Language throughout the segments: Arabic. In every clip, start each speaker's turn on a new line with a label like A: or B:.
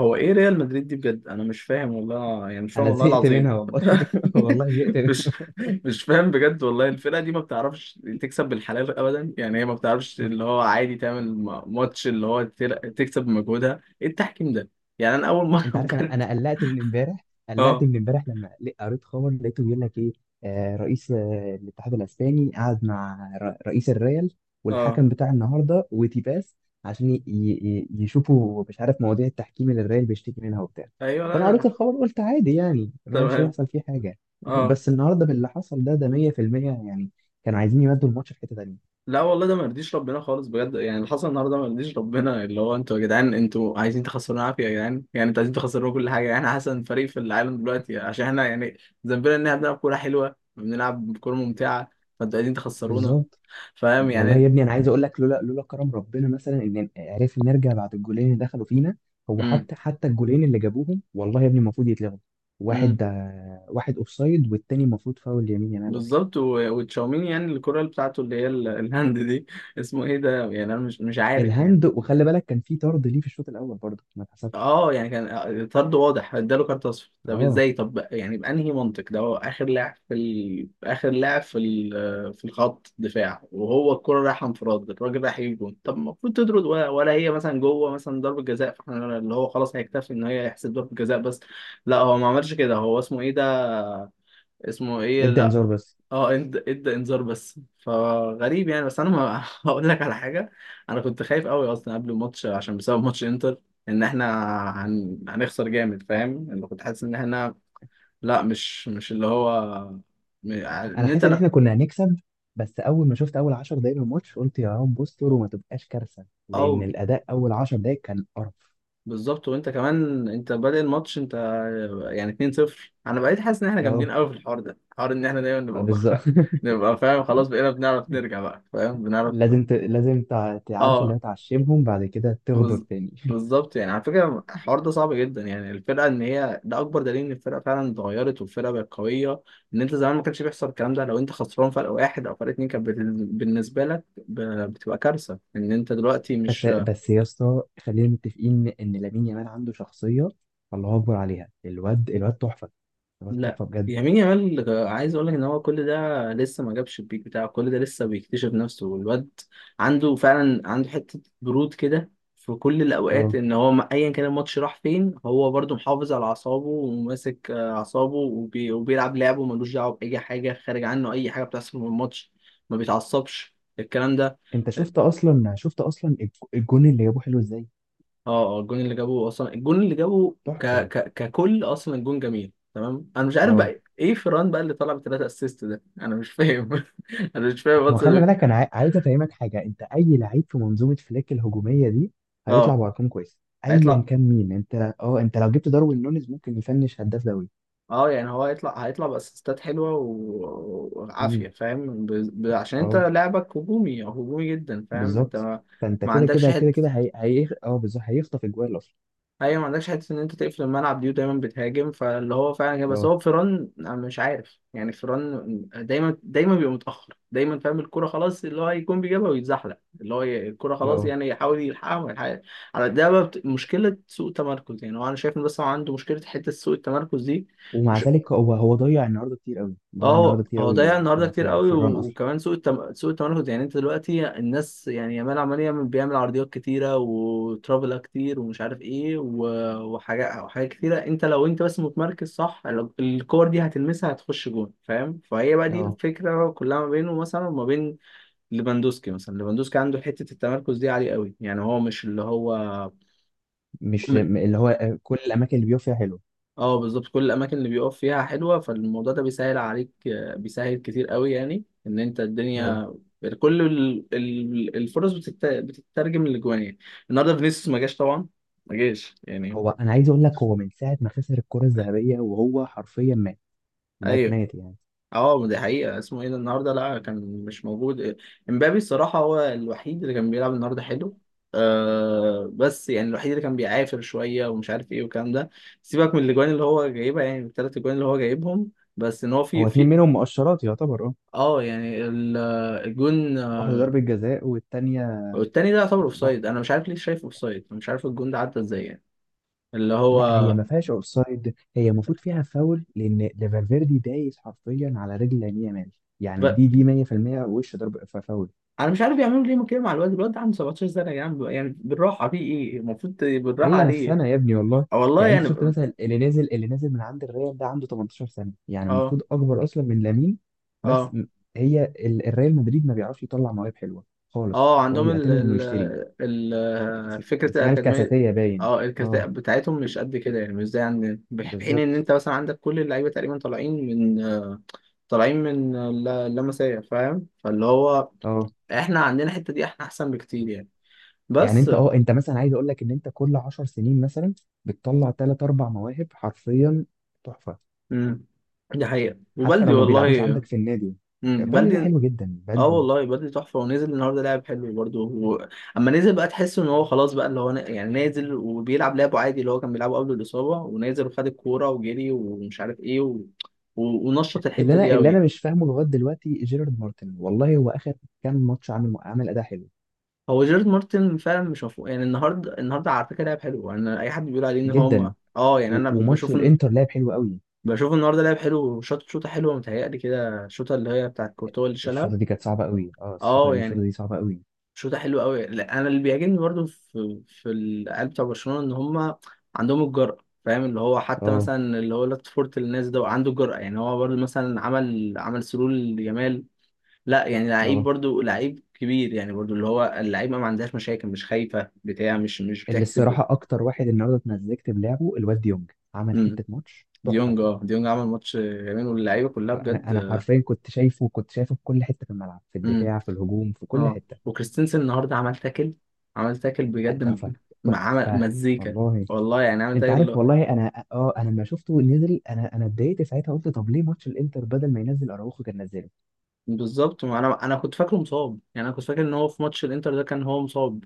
A: هو ايه ريال مدريد دي بجد؟ انا مش فاهم والله، يعني مش فاهم
B: انا
A: والله
B: زهقت
A: العظيم.
B: منها والله. والله زهقت
A: مش
B: منها.
A: مش فاهم بجد والله. الفرقه دي ما بتعرفش تكسب بالحلال ابدا، يعني هي ما بتعرفش اللي هو عادي تعمل ماتش اللي هو تكسب بمجهودها. ايه التحكيم ده يعني؟ انا اول مره
B: انت عارف انا
A: بجد.
B: انا قلقت من امبارح، قلقت
A: اه،
B: من امبارح لما قريت خبر لقيته بيقول لك ايه. رئيس الاتحاد الاسباني قعد مع رئيس الريال
A: اه،
B: والحكم بتاع النهارده وتيباس، عشان يشوفوا مش عارف مواضيع التحكيم اللي الريال بيشتكي منها وبتاع.
A: ايوه، لا
B: فانا
A: لا
B: قريت
A: لا.
B: الخبر قلت عادي يعني ما مش
A: تمام.
B: هيحصل فيه حاجه.
A: اه.
B: بس النهارده باللي حصل ده 100% يعني. كانوا عايزين يمدوا الماتش في حته تانيه.
A: لا والله ده ما يرضيش ربنا خالص بجد، يعني اللي حصل النهارده ما يرضيش ربنا، اللي هو انتوا يا جدعان انتوا عايزين تخسرونا عافيه يا جدعان، يعني انتوا عايزين تخسرونا كل حاجه، يعني احنا احسن فريق في العالم دلوقتي، عشان احنا يعني ذنبنا ان احنا بنلعب كوره حلوه، بنلعب كوره ممتعه، فانتوا عايزين تخسرونا،
B: بالظبط.
A: فاهم
B: والله
A: يعني.
B: يا ابني انا عايز اقول لك لولا كرم ربنا مثلا ان عرفنا نرجع بعد الجولين اللي دخلوا فينا. هو
A: امم
B: حتى الجولين اللي جابوهم والله يا ابني المفروض يتلغوا.
A: امم.
B: واحد واحد اوفسايد، والتاني المفروض فاول يمين يامال اصلا.
A: بالظبط، وتشاوميني، يعني الكرة اللي بتاعته اللي هي الهاند دي، اسمه ايه ده يعني، انا مش عارف يعني.
B: الهاند، وخلي بالك كان في طرد ليه في الشوط الاول برضه ما اتحسبش.
A: اه يعني كان طرد واضح، اداله كارت اصفر. طب
B: اه.
A: ازاي؟ طب يعني بانهي منطق ده؟ هو اخر لاعب في ال... اخر لاعب في ال... في الخط دفاع وهو الكرة رايحه انفراد، الراجل رايح يجيب جون، طب المفروض تطرد، ولا... ولا هي مثلا جوه مثلا ضربة جزاء، فاحنا اللي هو خلاص هيكتفي ان هي يحسب ضربة جزاء بس. لا هو ما عملش كده، هو اسمه ايه ده، اسمه ايه،
B: ادى
A: لا.
B: انذار بس.
A: اه، ادى انذار بس، فغريب يعني. بس انا ما هقول لك على حاجه. انا كنت خايف قوي اصلا قبل الماتش، عشان بسبب ماتش انتر، ان احنا هن... هنخسر جامد، فاهم؟ انا كنت حاسس ان احنا، لا مش اللي هو،
B: انا
A: ان
B: حاسس
A: انت،
B: ان
A: لا.
B: احنا كنا هنكسب. بس اول ما شفت اول 10 دقايق من الماتش قلت يا رب استر وما تبقاش كارثه،
A: او.
B: لان الاداء اول 10 دقايق كان قرف.
A: بالظبط، وانت كمان انت بادئ الماتش انت يعني 2-0. انا بقيت حاسس ان احنا
B: اه.
A: جامدين قوي في الحوار ده، حوار ان احنا دايما نبقى
B: بالظبط.
A: متاخر، نبقى فاهم خلاص، بقينا بنعرف نرجع بقى، فاهم، بنعرف.
B: لازم تعرف اللي
A: اه.
B: هتعشمهم بعد كده تغدر
A: بز-
B: تاني.
A: بالظبط يعني. على فكرة الحوار ده صعب جدا، يعني الفرقة ان هي ده اكبر دليل ان الفرقة فعلا اتغيرت والفرقة بقت قوية. ان انت زمان ما كانش بيحصل الكلام ده، لو انت خسران فرق واحد او فرق اتنين كانت بالنسبة لك بتبقى كارثة ان انت دلوقتي
B: بس
A: مش.
B: بس يا اسطى خلينا متفقين ان لامين يامال عنده شخصيه. الله اكبر عليها. الواد تحفه. الواد
A: لا،
B: تحفه بجد.
A: يمين يامال عايز اقول لك ان هو كل ده لسه ما جابش البيك بتاعه، كل ده لسه بيكتشف نفسه، والواد عنده فعلا، عنده حته برود كده في كل الاوقات،
B: اه.
A: ان هو ايا كان الماتش راح فين هو برضو محافظ على اعصابه، وماسك اعصابه، وبي... وبيلعب لعبه ملوش دعوه باي حاجه خارج عنه، اي حاجه بتحصل في الماتش ما بيتعصبش الكلام ده.
B: انت شفت اصلا، شفت اصلا الجون اللي جابوه حلو ازاي.
A: اه. الجون اللي جابه اصلا، الجون اللي جابه ك
B: تحفه.
A: ك ككل اصلا، الجون جميل تمام. انا مش عارف
B: اه.
A: بقى ايه فران بقى اللي طلع ب3 اسيست ده، انا مش فاهم. انا مش فاهم
B: ما هو خلي
A: اصلا.
B: بالك انا عايز افهمك حاجه. انت اي لعيب في منظومه فليك الهجوميه دي هيطلع
A: اه،
B: بارقام كويسه، ايا
A: هيطلع.
B: كان مين. انت لو جبت داروين نونيز ممكن يفنش هداف دوري.
A: اه يعني هو هيطلع باسيستات حلوه وعافيه،
B: امم.
A: فاهم؟ ب... ب... عشان انت
B: اه
A: لعبك هجومي او هجومي جدا فاهم، انت
B: بالظبط.
A: ما،
B: فانت
A: ما
B: كده
A: عندكش.
B: كده كده كده هي... هي... إيه، اه بالظبط هيخطف اجوال اصلا.
A: ايوه ما عندكش حته ان انت تقفل الملعب دي، ودايما بتهاجم، فاللي هو فعلا كده. بس
B: اه
A: هو فيران أنا مش عارف يعني، فيران دايما بيبقى متاخر دايما، فاهم؟ الكوره خلاص اللي هو هيكون بيجيبها ويتزحلق، اللي هو الكوره خلاص
B: اه.
A: يعني يحاول يلحقها وما يلحقهاش. على ده بقى مشكله سوء تمركز، يعني هو انا شايف ان بس هو عنده مشكله حته سوء التمركز دي.
B: ومع
A: مش،
B: ذلك هو ضيع النهارده كتير قوي، ضيع النهارده
A: اه
B: كتير
A: هو ضيع
B: قوي
A: النهارده
B: في
A: كتير
B: في,
A: قوي،
B: في الران اصلا.
A: وكمان سوق التم... سوق التمركز، يعني انت دلوقتي الناس يعني يامال عمال يعمل، بيعمل عرضيات كتيره، وترافلا كتير، ومش عارف ايه و... وحاجات كتيره. انت لو انت بس متمركز صح، الكور دي هتلمسها هتخش جون، فاهم؟ فهي بقى دي
B: اه.
A: الفكره كلها ما بينه مثلا وما بين ليفاندوسكي مثلا. ليفاندوسكي عنده حته التمركز دي عاليه قوي، يعني هو مش اللي هو.
B: مش م- اللي هو كل الاماكن اللي بيقف فيها حلوه.
A: اه بالظبط، كل الاماكن اللي بيقف فيها حلوه، فالموضوع ده بيسهل عليك، بيسهل كتير قوي. يعني ان انت
B: اه.
A: الدنيا كل الفرص بتترجم لجوان يعني. النهارده فينيسيوس ما جاش طبعا، ما جاش يعني.
B: هو انا عايز اقول لك هو من ساعه ما خسر الكره الذهبيه وهو حرفيا مات. مات
A: ايوه.
B: مات يعني.
A: اه ما دي حقيقه، اسمه ايه ده النهارده، لا كان مش موجود. امبابي الصراحه هو الوحيد اللي كان بيلعب النهارده حلو، آه بس يعني الوحيد اللي كان بيعافر شويه، ومش عارف ايه والكلام ده. سيبك من الاجوان اللي هو جايبها، يعني ال3 اجوان اللي هو جايبهم، بس ان هو في
B: هو اتنين
A: في.
B: منهم مؤشرات يعتبر. اه.
A: اه يعني الجون
B: واحده ضربه جزاء والتانيه.
A: التاني ده يعتبر اوفسايد، انا مش عارف ليه شايفه اوفسايد، مش عارف الجون ده عدى ازاي يعني اللي
B: لا، هي
A: هو
B: ما فيهاش اوفسايد، هي المفروض فيها فاول، لان ده فالفيردي دايس حرفيا على رجل لامين يامال. يعني
A: ب...
B: دي 100%. وش ضرب فاول.
A: انا مش عارف بيعملوا ليه كده مع الواد، الواد ده عنده 17 سنه يا جدعان، يعني بالراحه، في ايه المفروض بالراحه
B: هي
A: عليه.
B: نفسنا يا ابني والله.
A: آه والله
B: يعني انت شفت
A: يعني.
B: مثلا اللي نازل، اللي نازل من عند الريال ده عنده 18 سنه، يعني
A: اه.
B: المفروض اكبر اصلا من لامين. بس
A: اه.
B: م- هي الريال مدريد ما بيعرفش يطلع مواهب حلوه خالص.
A: اه
B: هو
A: عندهم ال
B: بيعتمد انه يشتري.
A: ال ال فكره
B: اسمها
A: الاكاديميه.
B: الكاساتيه باين.
A: اه الكفاءة
B: اه
A: بتاعتهم مش قد كده يعني، مش زي عندنا، في حين ان
B: بالظبط.
A: انت مثلا عندك كل اللعيبه تقريبا طالعين من طالعين من اللمسيه فاهم، فاللي هو
B: اه
A: احنا عندنا الحته دي، احنا احسن بكتير يعني.
B: يعني
A: بس.
B: انت مثلا عايز اقول لك ان انت كل 10 سنين مثلا بتطلع ثلاث اربع مواهب حرفيا. تحفه.
A: امم. دي حقيقه
B: حتى
A: وبلدي
B: لو ما بيلعبوش
A: والله.
B: عندك في النادي.
A: امم،
B: بلدي ده
A: بلدي.
B: حلو جدا،
A: اه
B: بلدي.
A: والله بلدي تحفه، ونزل النهارده لعب حلو برضه و... اما نزل بقى تحس ان هو خلاص بقى، اللي هو ن... يعني نازل وبيلعب لعبه عادي اللي هو كان بيلعبه قبل الاصابه، ونازل وخد الكوره وجري ومش عارف ايه و... و... ونشط
B: اللي
A: الحته
B: انا
A: دي
B: اللي انا
A: قوي.
B: مش فاهمه لغايه دلوقتي جيرارد مارتن والله. هو اخر كام ماتش عامل اداء حلو
A: هو جيرد مارتن فعلا مش مفهوم يعني. النهارده، النهارده على فكره لعب حلو، يعني اي حد بيقول عليه ان هو
B: جدا.
A: اه، يعني انا
B: وماتش
A: بشوف ان،
B: الانتر لعب حلو قوي.
A: بشوف النهارده لعب حلو، شاط شوطه حلوه، متهيألي كده الشوطه اللي هي بتاعت كورتوا اللي شالها.
B: الشوطه دي كانت صعبه قوي. اه، الشوطه
A: اه
B: الشوطه
A: يعني
B: دي صعبه قوي.
A: شوطه حلوه قوي. لا انا اللي بيعجبني برضو في في العيال بتوع برشلونه ان هم عندهم الجرأه، فاهم؟ اللي هو حتى
B: اه
A: مثلا اللي هو لاتفورت الناس ده عنده جرأه، يعني هو برضو مثلا عمل سرول لجمال، لا يعني لعيب
B: اه.
A: برضو لعيب كبير يعني، برضو اللي هو اللعيب ما عندهاش مشاكل، مش خايفه بتاع، مش
B: اللي
A: بتحسب.
B: الصراحه اكتر واحد النهارده اتمزجت بلعبه الواد ديونج. عمل
A: امم.
B: حته ماتش تحفه.
A: ديونج، اه ديونج عمل ماتش جميل، واللعيبه كلها
B: انا
A: بجد.
B: انا حرفيا كنت شايفه، كنت شايفه في كل حته في الملعب، في الدفاع في الهجوم في كل
A: اه
B: حته.
A: وكريستنسن النهارده عمل تاكل، عمل تاكل بجد،
B: تحفه.
A: عمل
B: تحفه
A: مزيكا،
B: والله.
A: والله يعني، عمل
B: انت
A: تاكل اللي
B: عارف
A: هو.
B: والله، انا انا لما شفته نزل انا اتضايقت ساعتها، قلت طب ليه ماتش الانتر بدل ما ينزل اراوخو كان نزله.
A: بالظبط، ما انا انا كنت فاكره مصاب، يعني انا كنت فاكر ان هو في ماتش الانتر ده كان هو مصاب،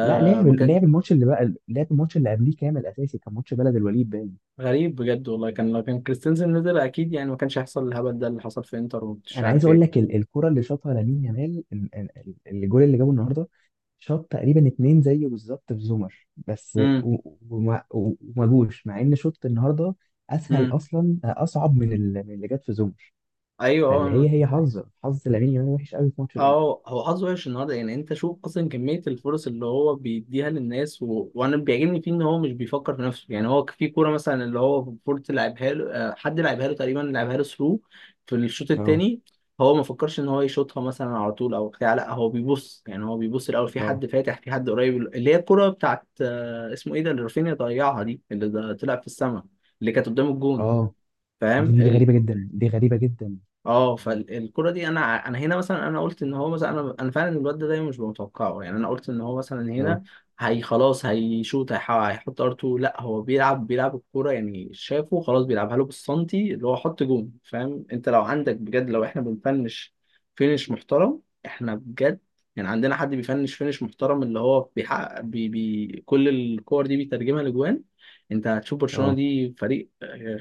B: لا، لعب
A: ما كان.
B: لعب الماتش اللي بقى، لعب الماتش اللي قبليه كامل اساسي، كان ماتش بلد الوليد باين.
A: غريب بجد والله، كان لو كان كريستنسن نزل اكيد يعني ما كانش هيحصل الهبل ده اللي حصل في انتر ومش
B: انا عايز
A: عارف
B: اقول
A: ايه.
B: لك الكرة اللي شاطها لامين يامال، الجول اللي جابه النهارده، شاط تقريبا اتنين زيه بالظبط في زومر، بس
A: امم،
B: و- و- وما و- وما جوش مع ان شوط النهارده اسهل
A: امم.
B: اصلا، اصعب من من اللي جت في زومر.
A: ايوه.
B: فاللي
A: اه.
B: هي حظ لامين يامال وحش قوي في ماتش الانتر.
A: اه هو حظه وحش النهارده، يعني انت شوف اصلا كميه الفرص اللي هو بيديها للناس و... وانا بيعجبني فيه ان هو مش بيفكر في نفسه، يعني هو في كوره مثلا اللي هو فورت لعبها له، حد لعبها له تقريبا، لعبها له ثرو في الشوط
B: اه
A: الثاني، هو ما فكرش ان هو يشوطها مثلا على طول او بتاع، لا هو بيبص يعني، هو بيبص الاول في
B: اه
A: حد فاتح، في حد قريب، اللي هي الكوره بتاعت اسمه ايه ده، اللي رافينيا ضيعها دي، اللي ده طلع في السما، اللي كانت قدام الجون،
B: اه.
A: فاهم.
B: دي غريبة جدا. دي غريبة جدا.
A: اه فالكرة دي انا ع- انا هنا مثلا انا قلت ان هو مثلا، انا انا فعلا الواد ده دايما مش متوقعه يعني، انا قلت ان هو مثلا
B: اه
A: هنا هي خلاص هيشوط، هيحط ار2، لا هو بيلعب، بيلعب الكوره يعني، شافه خلاص بيلعبها له بالسنتي اللي هو، حط جون، فاهم؟ انت لو عندك بجد، لو احنا بنفنش فينش محترم، احنا بجد يعني عندنا حد بيفنش فينش محترم اللي هو بيحقق بي بي كل الكور دي بيترجمها لجوان، انت هتشوف برشلونة
B: اه
A: دي فريق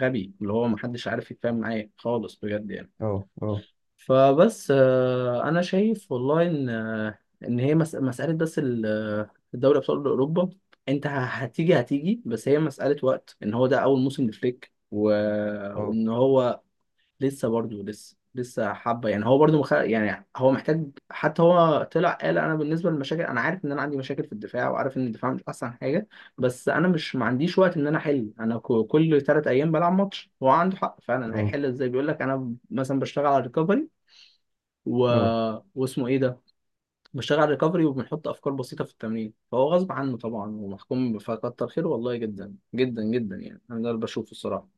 A: غبي اللي هو محدش عارف يتفاهم معاه خالص بجد يعني.
B: اه اه
A: فبس انا شايف والله ان ان هي مساله بس الدوري ابطال اوروبا، انت هتيجي بس، هي مساله وقت، ان هو ده اول موسم لفليك و...
B: اه
A: وان هو لسه برضه، لسه حبه يعني، هو برضه مخ... يعني هو محتاج. حتى هو طلع قال انا بالنسبه للمشاكل انا عارف ان انا عندي مشاكل في الدفاع، وعارف ان الدفاع مش احسن حاجه، بس انا مش، ما عنديش وقت ان انا احل، انا كل 3 ايام بلعب ماتش، هو عنده حق فعلا،
B: اه.
A: هيحل ازاي؟ بيقول لك انا مثلا بشتغل على الريكفري و...
B: آه.
A: واسمه ايه ده، بشتغل على ريكفري، وبنحط افكار بسيطه في التمرين، فهو غصب عنه طبعا ومحكوم، فكتر خيره والله جدا جدا جدا، يعني انا ده اللي بشوفه الصراحه،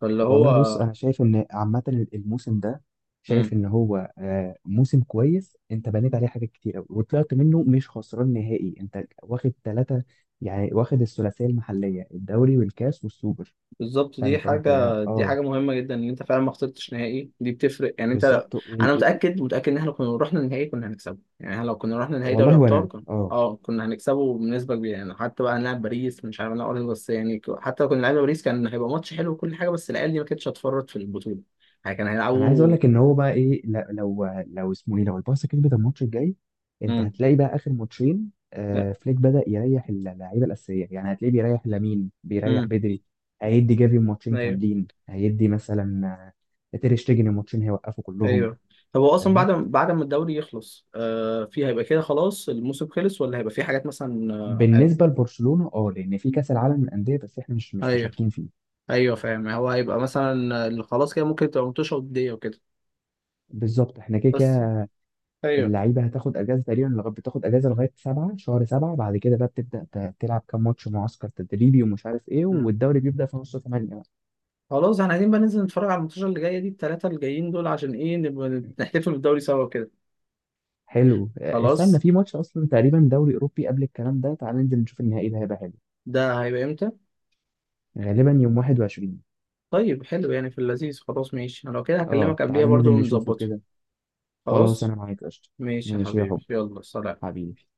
A: فاللي
B: والله بص
A: هو.
B: انا شايف ان عامه الموسم ده، شايف
A: مم.
B: ان هو موسم كويس. انت بنيت عليه حاجات كتير قوي وطلعت منه مش خسران نهائي، انت واخد ثلاثه. يعني واخد الثلاثيه المحليه، الدوري والكاس والسوبر.
A: بالظبط، دي
B: فانت
A: حاجة دي
B: اه
A: حاجة مهمة جدا ان انت فعلا ما خسرتش نهائي، دي بتفرق يعني، انت لو...
B: بالظبط.
A: انا
B: و-
A: متأكد ان احنا كنا رحنا النهائي كنا هنكسبه يعني، احنا لو كنا رحنا نهائي دوري
B: والله
A: ابطال
B: وانا
A: كنا،
B: اه.
A: اه كنا هنكسبه بنسبة كبيرة يعني. حتى بقى هنلعب باريس، مش عارف هنلعب بس يعني، حتى لو كنا لعبنا باريس كان هيبقى ماتش حلو وكل حاجة، بس العيال دي ما كانتش هتفرط في البطولة، يعني كان
B: انا عايز اقول
A: هيلعبوا.
B: لك ان هو بقى ايه، لا- لو لو اسمه ايه لو البارسا كسبت الماتش الجاي، انت
A: امم.
B: هتلاقي بقى اخر ماتشين فليك بدأ يريح اللعيبه الاساسيه. يعني هتلاقيه بيريح لامين، بيريح
A: امم.
B: بدري، هيدي جافي ماتشين
A: ايوه.
B: كاملين، هيدي مثلا تير شتيجن ماتشين. هيوقفوا كلهم.
A: ايوه. طب هو اصلا
B: فاهم.
A: بعد، ما الدوري يخلص آه، في هيبقى كده خلاص الموسم خلص، ولا هيبقى في حاجات مثلا
B: بالنسبه لبرشلونه، اه، لان في كاس العالم للانديه بس احنا مش
A: هيبقى؟
B: مشاركين فيه.
A: ايوه فاهم، هو هيبقى مثلا اللي خلاص كده، ممكن تبقى متوشة ودية وكده.
B: بالظبط. احنا كده
A: بس.
B: كده
A: ايوه.
B: اللعيبه هتاخد اجازه تقريبا لغايه، بتاخد اجازه لغايه سبعة، شهر سبعة. بعد كده بقى بتبدا تلعب كام ماتش معسكر تدريبي ومش عارف ايه،
A: مم.
B: والدوري بيبدا في نص 8 بقى.
A: خلاص احنا عايزين بقى ننزل نتفرج على الماتشات اللي جايه دي، ال3 اللي جايين دول، عشان ايه نبقى نحتفل بالدوري سوا كده.
B: حلو. استنى
A: خلاص.
B: في ماتش اصلا تقريبا دوري اوروبي قبل الكلام ده. تعال ننزل نشوف النهائي ده، هيبقى حلو.
A: ده هيبقى امتى؟
B: غالبا يوم 21.
A: طيب حلو، يعني في اللذيذ، خلاص ماشي، انا لو كده
B: اه،
A: هكلمك
B: تعال
A: قبليها برضو
B: ننزل نشوفه
A: ونظبطه.
B: كده. خلاص،
A: خلاص
B: انا معاك قشطه.
A: ماشي يا
B: ماشي يا حبي.
A: حبيبي، يلا سلام.
B: حبيبي.